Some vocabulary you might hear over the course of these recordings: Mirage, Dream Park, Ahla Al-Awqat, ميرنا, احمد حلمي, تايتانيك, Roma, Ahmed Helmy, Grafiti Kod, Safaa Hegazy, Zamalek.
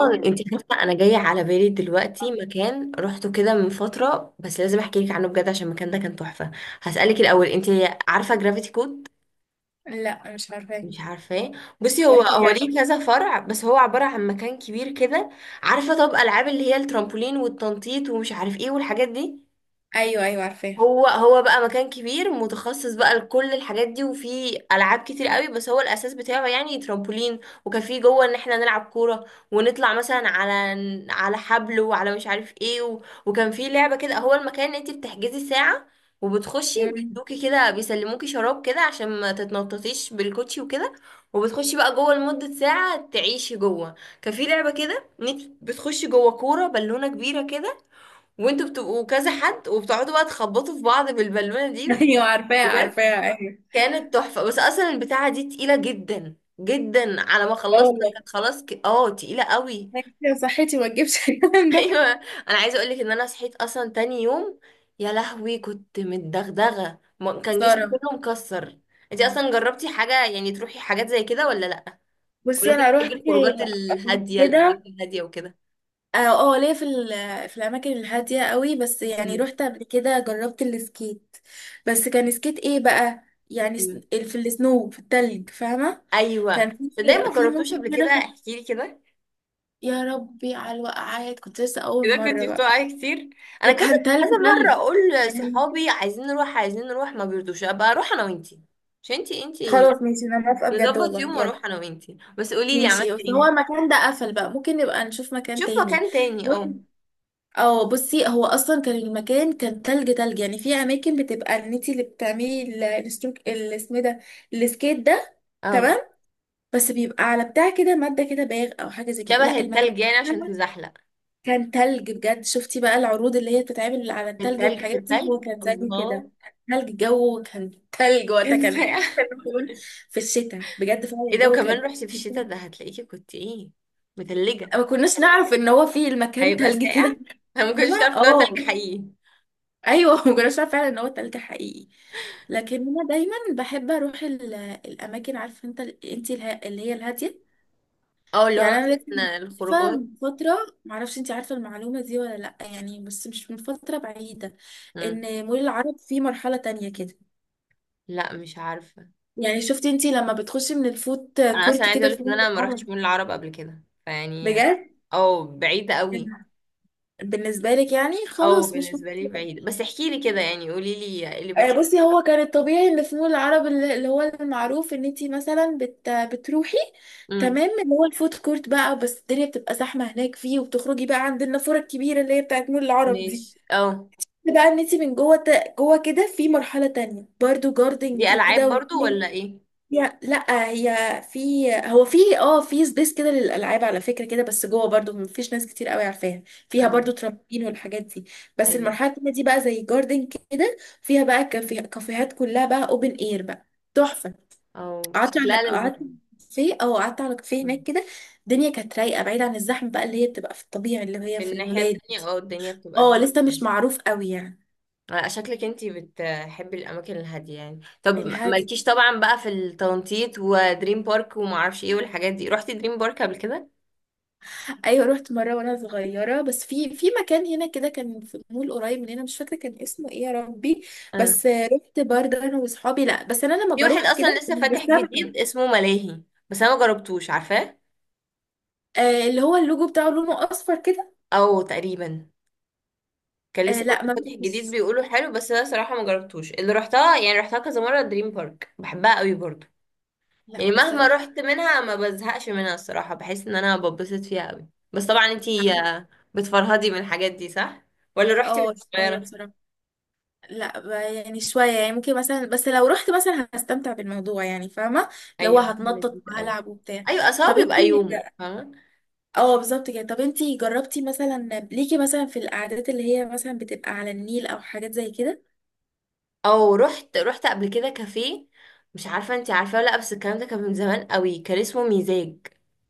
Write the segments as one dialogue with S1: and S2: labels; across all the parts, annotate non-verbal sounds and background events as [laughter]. S1: نوران، انت عارفه انا جايه على بالي دلوقتي مكان روحته كده من فتره، بس لازم احكي لك عنه بجد عشان المكان ده كان تحفه. هسالك الاول، انت عارفه جرافيتي كود؟
S2: لا، مش عارفاها.
S1: مش عارفاه. بصي، هو
S2: احكي لي
S1: هو
S2: ع-
S1: ليه كذا فرع، بس هو عباره عن مكان كبير كده. عارفه طب العاب اللي هي الترامبولين والتنطيط ومش عارف ايه والحاجات دي؟
S2: ايوه، ايوه، عارفاها.
S1: هو بقى مكان كبير متخصص بقى لكل الحاجات دي، وفي العاب كتير قوي، بس هو الاساس بتاعه يعني ترامبولين، وكان فيه جوه ان احنا نلعب كوره، ونطلع مثلا على حبل وعلى مش عارف ايه وكان فيه لعبه كده، هو المكان ان انت بتحجزي ساعه وبتخشي،
S2: مم.
S1: بيدوكي كده بيسلموكي شراب كده عشان ما تتنططيش بالكوتشي وكده، وبتخشي بقى جوه لمده ساعه تعيشي جوه. كان في لعبه كده، إن إنتي بتخشي جوه كوره بالونه كبيره كده، وانتوا بتبقوا كذا حد، وبتقعدوا بقى تخبطوا في بعض بالبالونه
S2: [laughs]
S1: دي.
S2: ايوه، عارفاها،
S1: بجد
S2: عارفاها، ايوه.
S1: كانت تحفه، بس اصلا البتاعه دي تقيله جدا جدا، على ما
S2: لا
S1: خلصنا
S2: والله.
S1: كانت خلاص ك... اه تقيله قوي.
S2: أنا كده صحتي ما تجيبش
S1: [laughs]
S2: الكلام ده.
S1: ايوه. انا عايزه اقول لك ان انا صحيت اصلا تاني يوم، يا لهوي كنت متدغدغه كان جسمي
S2: سارة،
S1: كله مكسر. انت
S2: يعني.
S1: اصلا جربتي حاجه، يعني تروحي حاجات زي كده ولا لا؟ ولا
S2: بصي
S1: انت
S2: انا
S1: بتحبي
S2: رحت
S1: الخروجات
S2: قبل
S1: الهاديه، الاماكن
S2: كده.
S1: الهاديه وكده؟
S2: اه ليا في الاماكن الهاديه قوي، بس يعني
S1: مم.
S2: رحت قبل كده جربت السكيت. بس كان سكيت ايه بقى؟ يعني
S1: مم.
S2: في التلج، فاهمه.
S1: ايوه.
S2: كان
S1: صدقني
S2: في
S1: ما
S2: في
S1: جربتوش
S2: ممكن
S1: قبل
S2: كده
S1: كده، احكي لي كده.
S2: يا ربي على الوقعات، كنت لسه اول
S1: اذا كنت
S2: مره بقى.
S1: بتوعي كتير، انا كذا
S2: وكان تلج
S1: كذا مره
S2: تلج
S1: اقول
S2: يعني.
S1: لصحابي عايزين نروح عايزين نروح ما بيرضوش، ابقى اروح انا وانتي. مش انتي، انتي
S2: خلاص ماشي، انا موافقة بجد،
S1: نظبط
S2: والله
S1: يوم
S2: يلا.
S1: واروح انا وانتي، بس قولي لي عملت
S2: ماشي، بس هو
S1: ايه.
S2: المكان ده قفل بقى، ممكن نبقى نشوف مكان
S1: شوف
S2: تاني.
S1: مكان تاني اه.
S2: بص- اه، بصي هو اصلا كان المكان كان تلج تلج يعني. في اماكن بتبقى ان انتي اللي بتعملي الستروك اللي اسمه ده، السكيت ده،
S1: اه،
S2: تمام. بس بيبقى على بتاع كده، مادة كده، باغ او حاجة زي كده.
S1: شبه
S2: لا، المكان
S1: التلج يعني عشان تزحلق.
S2: كان تلج بجد. شفتي بقى العروض اللي هي بتتعمل على
S1: في
S2: التلج
S1: التلج في
S2: والحاجات دي، هو
S1: التلج،
S2: كان زي كده.
S1: الله.
S2: تلج، الجو كان تلج
S1: [laughs]
S2: وقتها،
S1: كان
S2: كان
S1: ساقع.
S2: [laughs] كان في الشتاء بجد، فعلا
S1: ايه ده؟
S2: الجو
S1: وكمان
S2: كان.
S1: رحتي في الشتاء؟ ده هتلاقيكي كنت ايه، متلجة.
S2: ما كناش نعرف ان هو في المكان
S1: هيبقى
S2: تلجي
S1: ساقع.
S2: كده.
S1: [laughs] انا ما كنتش
S2: فاهمة،
S1: تعرف ان هو
S2: اه.
S1: تلج حقيقي.
S2: ايوه، ما كناش نعرف فعلا ان هو تلج حقيقي. لكن انا دايما بحب اروح الاماكن، عارفه انت اللي هي الهاديه.
S1: اه، اللي هو
S2: يعني انا لسه
S1: مثلا
S2: مكتشفة
S1: الخروجات.
S2: من فتره، معرفش انت عارفه المعلومه دي ولا لا، يعني بس مش من فتره بعيده،
S1: مم.
S2: ان مول العرب فيه مرحله تانية كده.
S1: لا مش عارفة.
S2: يعني شفتي انت لما بتخشي من الفوت
S1: انا اصلا
S2: كورت
S1: عايزه
S2: كده
S1: اقولك
S2: في
S1: ان
S2: مول
S1: انا ما
S2: العرب؟
S1: رحتش مول العرب قبل كده فيعني،
S2: بجد،
S1: او بعيده قوي،
S2: بالنسبه لك يعني
S1: او
S2: خلاص مش مهم.
S1: بالنسبه لي بعيده، بس احكي لي كده يعني، قولي لي ايه اللي بيحصل.
S2: بصي هو كان الطبيعي اللي في مول العرب، اللي هو المعروف ان انتي مثلا بتروحي،
S1: امم
S2: تمام، اللي هو الفود كورت بقى. بس الدنيا بتبقى زحمه هناك، فيه وبتخرجي بقى عند النافوره الكبيره اللي هي بتاعت مول العرب دي،
S1: ماشي او.
S2: بقى ان انتي من جوه جوه كده، في مرحله تانية برضو جاردن
S1: دي العاب
S2: كده.
S1: برضو ولا ايه؟
S2: هي لا، هي في، هو في، في سبيس كده للالعاب، على فكره كده. بس جوه برضو مفيش ناس كتير قوي عارفاها. فيها
S1: اه.
S2: برضو ترامبين والحاجات دي. بس
S1: ايوه
S2: المرحله التانيه دي بقى زي جاردن كده، فيها بقى كافيهات، كلها بقى اوبن اير بقى، تحفه.
S1: او
S2: قعدت على
S1: شكلها لذيذ.
S2: قعدت في او قعدت على كافيه هناك
S1: مم.
S2: كده. الدنيا كانت رايقه، بعيد عن الزحمه بقى اللي هي بتبقى في الطبيعي، اللي
S1: في
S2: هي في
S1: الناحيه
S2: المولات.
S1: التانية، اه، الدنيا بتبقى
S2: اه،
S1: زحمه.
S2: لسه
S1: أوي.
S2: مش معروف قوي يعني.
S1: آه، شكلك انتي بتحبي الاماكن الهاديه يعني. طب
S2: الهادي.
S1: مالكيش طبعا بقى في التنطيط ودريم بارك وما اعرفش ايه والحاجات دي؟ رحتي دريم بارك قبل كده؟
S2: ايوه رحت مره وانا صغيره، بس في مكان هنا كده، كان في مول قريب مننا، مش فاكره كان اسمه ايه يا ربي.
S1: اه،
S2: بس رحت برضه انا واصحابي. لا، بس انا لما
S1: في واحد
S2: بروح
S1: اصلا
S2: كده
S1: لسه فاتح
S2: بستمتع.
S1: جديد اسمه ملاهي، بس انا ما جربتوش، عارفاه؟
S2: آه اللي هو اللوجو بتاعه لونه اصفر كده.
S1: او تقريبا. كان
S2: آه،
S1: لسه برضه
S2: لا، ما
S1: فاتح جديد،
S2: بس.
S1: بيقولوا حلو، بس انا صراحه ما جربتوش. اللي رحتها يعني رحتها كذا مره دريم بارك، بحبها قوي برضه.
S2: لا،
S1: يعني مهما
S2: بصراحه
S1: رحت منها ما بزهقش منها الصراحه، بحس ان انا ببسط فيها قوي. بس طبعا
S2: مش
S1: انتي
S2: عارفه.
S1: بتفرهدي من الحاجات دي، صح؟ ولا رحتي وانتي
S2: اه شويه
S1: صغيره؟
S2: بصراحه. لا، يعني شويه يعني، ممكن مثلا بس لو رحت مثلا هستمتع بالموضوع، يعني فاهمه، اللي هو
S1: ايوه، هي
S2: هتنطط
S1: لذيذه قوي.
S2: وهلعب وبتاع.
S1: ايوه اصلا هو
S2: طب انت.
S1: بيبقى يوم، فاهمه؟
S2: اه بالظبط كده. طب انتي جربتي مثلا، ليكي مثلا في القعدات اللي هي مثلا بتبقى على النيل او حاجات زي كده؟
S1: او، رحت قبل كده كافيه. مش عارفه انت عارفه ولا لا، بس الكلام ده كان من زمان قوي، كان اسمه ميزاج.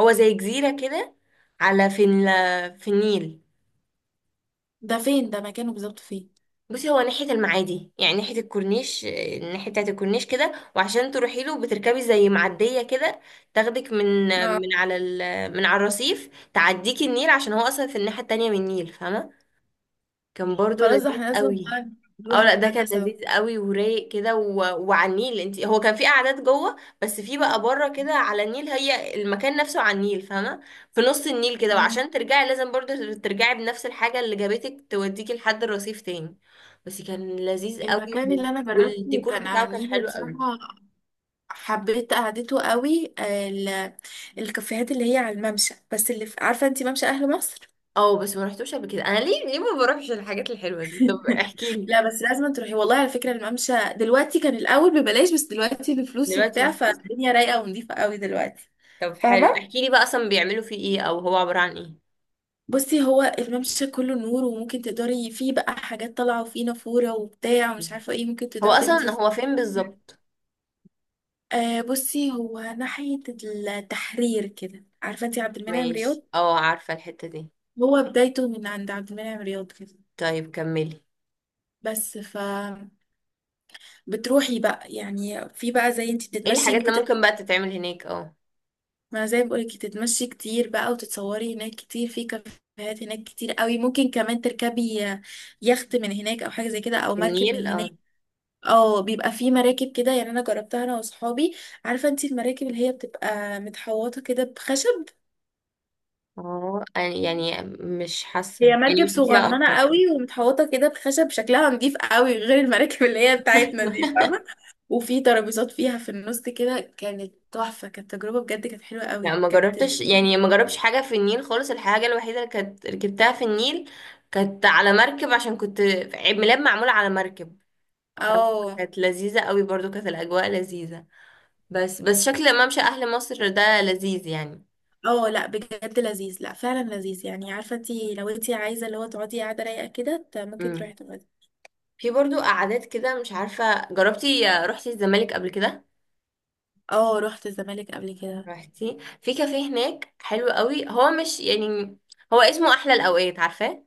S1: هو زي جزيره كده، على في النيل.
S2: ده فين؟ ده مكانه بالظبط فين؟
S1: بصي، هو ناحيه المعادي، يعني ناحيه الكورنيش، الناحيه بتاعه الكورنيش كده، وعشان تروحي له بتركبي زي معديه كده، تاخدك من
S2: اه
S1: من على الرصيف، تعديكي النيل عشان هو اصلا في الناحيه التانية من النيل، فاهمه؟ كان برضو
S2: خلاص، ده
S1: لذيذ
S2: احنا لازم
S1: قوي.
S2: بقى نروح
S1: اه، لا، ده
S2: المكان ده
S1: كان
S2: سوا.
S1: لذيذ قوي ورايق كده وعلى النيل. انت هو كان في قعدات جوه، بس في بقى بره كده على النيل، هي المكان نفسه على النيل، فاهمه؟ في نص النيل كده،
S2: مم.
S1: وعشان ترجعي لازم برضه ترجعي بنفس الحاجه اللي جابتك توديكي لحد الرصيف تاني. بس كان لذيذ قوي
S2: المكان اللي انا جربته
S1: والديكور
S2: كان
S1: بتاعه
S2: على
S1: كان
S2: النيل
S1: حلو قوي.
S2: بصراحة، حبيت قعدته قوي. الكافيهات اللي هي على الممشى، بس عارفة انتي ممشى اهل مصر؟
S1: اه، بس ما رحتوش قبل كده. انا ليه ما بروحش الحاجات الحلوه دي؟ طب
S2: [laughs]
S1: احكي لي.
S2: لا، بس لازم تروحي والله. على فكرة الممشى دلوقتي كان الأول ببلاش، بس دلوقتي بفلوس
S1: دلوقتي
S2: وبتاع،
S1: بفلوس.
S2: فالدنيا رايقة ونضيفة قوي دلوقتي.
S1: طب حلو،
S2: فاهمة،
S1: احكي لي بقى اصلا بيعملوا فيه ايه، او هو عباره عن ايه.
S2: بصي هو الممشى كله نور، وممكن تقدري فيه بقى حاجات طالعة، وفيه نافورة وبتاع، ومش عارفة ايه، ممكن
S1: هو
S2: تقدري
S1: اصلا
S2: تلمسي.
S1: هو فين بالظبط؟
S2: بصي هو ناحية التحرير كده، عارفة انتي عبد المنعم رياض؟
S1: ماشي اه، عارفة الحتة دي.
S2: هو بدايته من عند عبد المنعم رياض كده.
S1: طيب كملي.
S2: بس ف بتروحي بقى يعني، في بقى زي انتي
S1: ايه
S2: بتتمشي،
S1: الحاجات اللي
S2: ممكن
S1: ممكن بقى تتعمل هناك اه.
S2: ما زي ما بقولك، تتمشي كتير بقى، وتتصوري هناك كتير، في كافيهات هناك كتير قوي، ممكن كمان تركبي يخت من هناك او حاجة زي كده، او
S1: في
S2: مركب
S1: النيل
S2: من هناك.
S1: اه.
S2: اه بيبقى في مراكب كده يعني، انا جربتها انا واصحابي. عارفه انتي المراكب اللي هي بتبقى متحوطه كده بخشب؟
S1: اه، يعني مش حاسة،
S2: هي
S1: يعني
S2: مركب
S1: مش فيها
S2: صغننه
S1: اكتر.
S2: قوي ومتحوطه كده بخشب، شكلها نضيف قوي، غير المراكب اللي هي بتاعتنا دي فاهمه. وفي ترابيزات فيها في النص كده، كانت تحفه، كانت تجربه بجد، كانت حلوه
S1: لا
S2: قوي،
S1: ما
S2: كانت
S1: جربتش
S2: الدنيا.
S1: يعني، ما جربتش حاجة في النيل خالص. الحاجة الوحيدة اللي كانت ركبتها في النيل كانت على مركب عشان كنت عيد ميلاد معمول على مركب،
S2: اه،
S1: فكانت لذيذة قوي برضو، كانت الأجواء لذيذة. بس شكل ممشى أهل مصر ده لذيذ يعني.
S2: اه، لا بجد لذيذ، لا فعلا لذيذ يعني. عارفه انتي لو انتي عايزه اللي هو تقعدي قاعده رايقه كده، ممكن
S1: امم
S2: تروحي تقعدي.
S1: في برضو قعدات كده، مش عارفة جربتي، رحتي الزمالك قبل كده؟
S2: اه رحت الزمالك قبل كده.
S1: رحتي في كافيه هناك حلو قوي، هو مش يعني، هو اسمه احلى الاوقات، عارفاه؟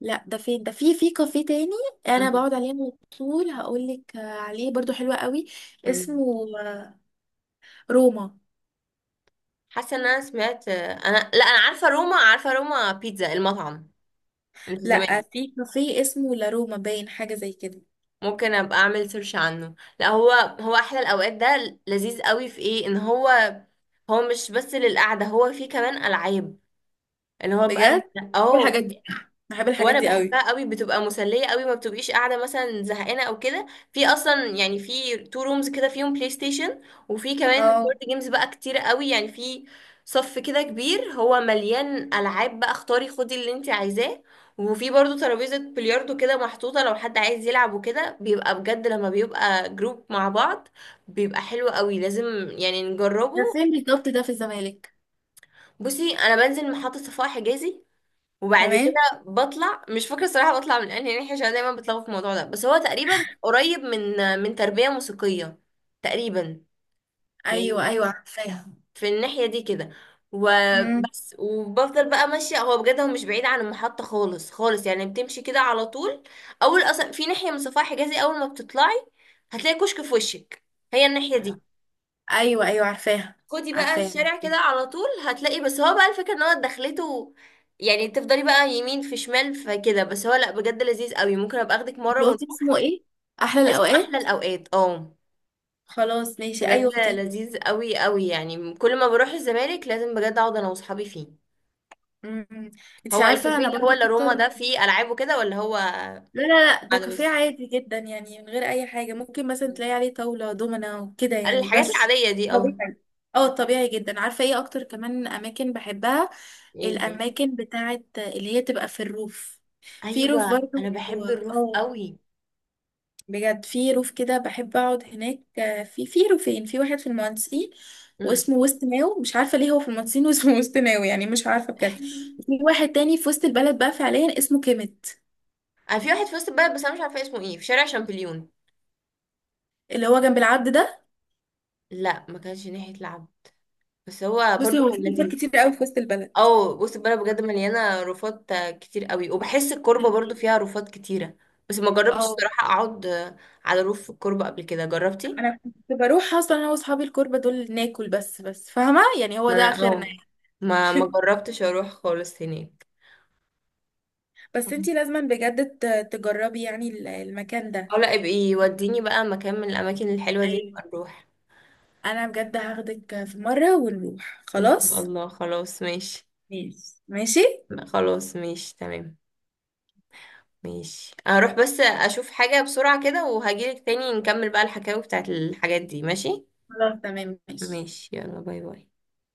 S2: لا، ده فين؟ ده في كافيه تاني انا
S1: مم.
S2: بقعد عليه على طول، هقول لك عليه برضو حلو قوي.
S1: مم.
S2: اسمه روما.
S1: حاسه ان انا سمعت، انا لا انا عارفه روما، عارفه روما بيتزا المطعم اللي في
S2: لا،
S1: زمان.
S2: في كافيه اسمه، لا، روما باين، حاجه زي كده.
S1: ممكن ابقى اعمل سيرش عنه. لا، هو هو احلى الاوقات ده لذيذ قوي، في ايه ان هو، هو مش بس للقعده، هو فيه كمان العاب اللي هو بقى.
S2: بجد بحب
S1: اه،
S2: الحاجات دي، بحب الحاجات
S1: وانا
S2: دي قوي.
S1: بحبها قوي، بتبقى مسليه قوي، ما بتبقيش قاعده مثلا زهقانه او كده. في اصلا يعني في تو رومز كده فيهم بلاي ستيشن، وفي كمان كارد
S2: اه
S1: جيمز بقى كتير قوي، يعني في صف كده كبير، هو مليان العاب بقى، اختاري خدي اللي انت عايزاه. وفي برضو ترابيزه بلياردو كده محطوطه لو حد عايز يلعب وكده، بيبقى بجد لما بيبقى جروب مع بعض بيبقى حلو قوي، لازم يعني
S2: ده
S1: نجربه.
S2: فين بالظبط؟ ده في الزمالك.
S1: بصي، انا بنزل محطه صفاء حجازي، وبعد
S2: تمام.
S1: كده بطلع، مش فاكره الصراحه بطلع من انهي ناحيه عشان دايما بتلخبط في الموضوع ده، بس هو تقريبا قريب من تربيه موسيقيه تقريبا،
S2: ايوه،
S1: يعني
S2: ايوه، عارفاها.
S1: في الناحيه دي كده و...
S2: امم.
S1: وبفضل بقى ماشيه. هو بجد هو مش بعيد عن المحطه خالص خالص، يعني بتمشي كده على طول. اول اصلا في ناحيه من صفاح حجازي اول ما بتطلعي هتلاقي كشك في وشك، هي الناحيه دي.
S2: ايوه، ايوه، عارفاها،
S1: خدي بقى
S2: عارفاها.
S1: الشارع كده على طول هتلاقي، بس هو بقى الفكرة ان هو دخلته، يعني تفضلي بقى يمين في شمال فكده. بس هو، لا، بجد لذيذ قوي، ممكن ابقى اخدك مرة
S2: انت قلتي
S1: ونروح.
S2: اسمه ايه؟ احلى
S1: اسمه احلى
S2: الاوقات.
S1: الاوقات اه.
S2: خلاص ماشي،
S1: بجد
S2: ايوه خطير.
S1: لذيذ قوي قوي، يعني كل ما بروح الزمالك لازم بجد اقعد انا واصحابي فيه.
S2: امم. انت
S1: هو
S2: عارفه
S1: الكافيه
S2: انا
S1: اللي هو
S2: برضو
S1: اللي روما
S2: اكتر.
S1: ده فيه العاب وكده ولا هو
S2: لا، لا، لا، ده
S1: قاعدة؟
S2: كافيه
S1: بس
S2: عادي جدا، يعني من غير اي حاجه. ممكن مثلا تلاقي عليه طاوله دومنا وكده يعني،
S1: الحاجات
S2: بس،
S1: العادية دي اه.
S2: طبيعي. اه طبيعي جدا. عارفه ايه اكتر كمان اماكن بحبها؟
S1: ايه؟
S2: الاماكن بتاعت اللي هي تبقى في الروف. في روف
S1: ايوه،
S2: برضو
S1: انا
S2: و-
S1: بحب الروف
S2: اه
S1: قوي.
S2: بجد، في روف كده بحب اقعد هناك. في روفين، في واحد في المهندسين
S1: امم
S2: واسمه وسط ناو، مش عارفه ليه هو في المهندسين واسمه [laughs] وسط ناو يعني. مش عارفه بجد، في
S1: [laughs]
S2: واحد تاني في وسط البلد بقى فعليا، اسمه كيميت.
S1: أنا في واحد في وسط البلد، بس انا مش عارفه اسمه ايه، في شارع شامبليون.
S2: اللي هو جنب العبد ده،
S1: لا ما كانش ناحية لعب، بس هو
S2: بصي
S1: برضو
S2: هو
S1: كان
S2: في حاجات
S1: لذيذ.
S2: كتير قوي في وسط البلد.
S1: او بص، البلد بجد مليانة رفات كتير قوي، وبحس
S2: ده
S1: الكوربة برضو
S2: حقيقي.
S1: فيها رفات كتيرة. بس ما جربتش
S2: اه
S1: صراحة اقعد على روف في الكوربة قبل كده، جربتي؟
S2: انا كنت بروح اصلا انا واصحابي الكوربه دول ناكل بس فاهمه يعني، هو
S1: ما
S2: ده
S1: انا
S2: اخرنا
S1: اه،
S2: يعني.
S1: ما جربتش اروح خالص هناك.
S2: بس انتي لازما بجد تجربي يعني المكان
S1: اه،
S2: ده.
S1: لا ابقي وديني بقى مكان من الاماكن الحلوة دي،
S2: ايوه
S1: نبقى نروح.
S2: انا بجد هاخدك في مره ونروح.
S1: ان شاء
S2: خلاص
S1: الله، خلاص ماشي.
S2: ماشي ماشي.
S1: خلاص ماشي تمام. ماشي، هروح بس اشوف حاجة بسرعة كده وهجيلك تاني نكمل بقى الحكاوي بتاعت الحاجات دي، ماشي.
S2: خلاص تمام ماشي.
S1: ماشي، يلا باي باي.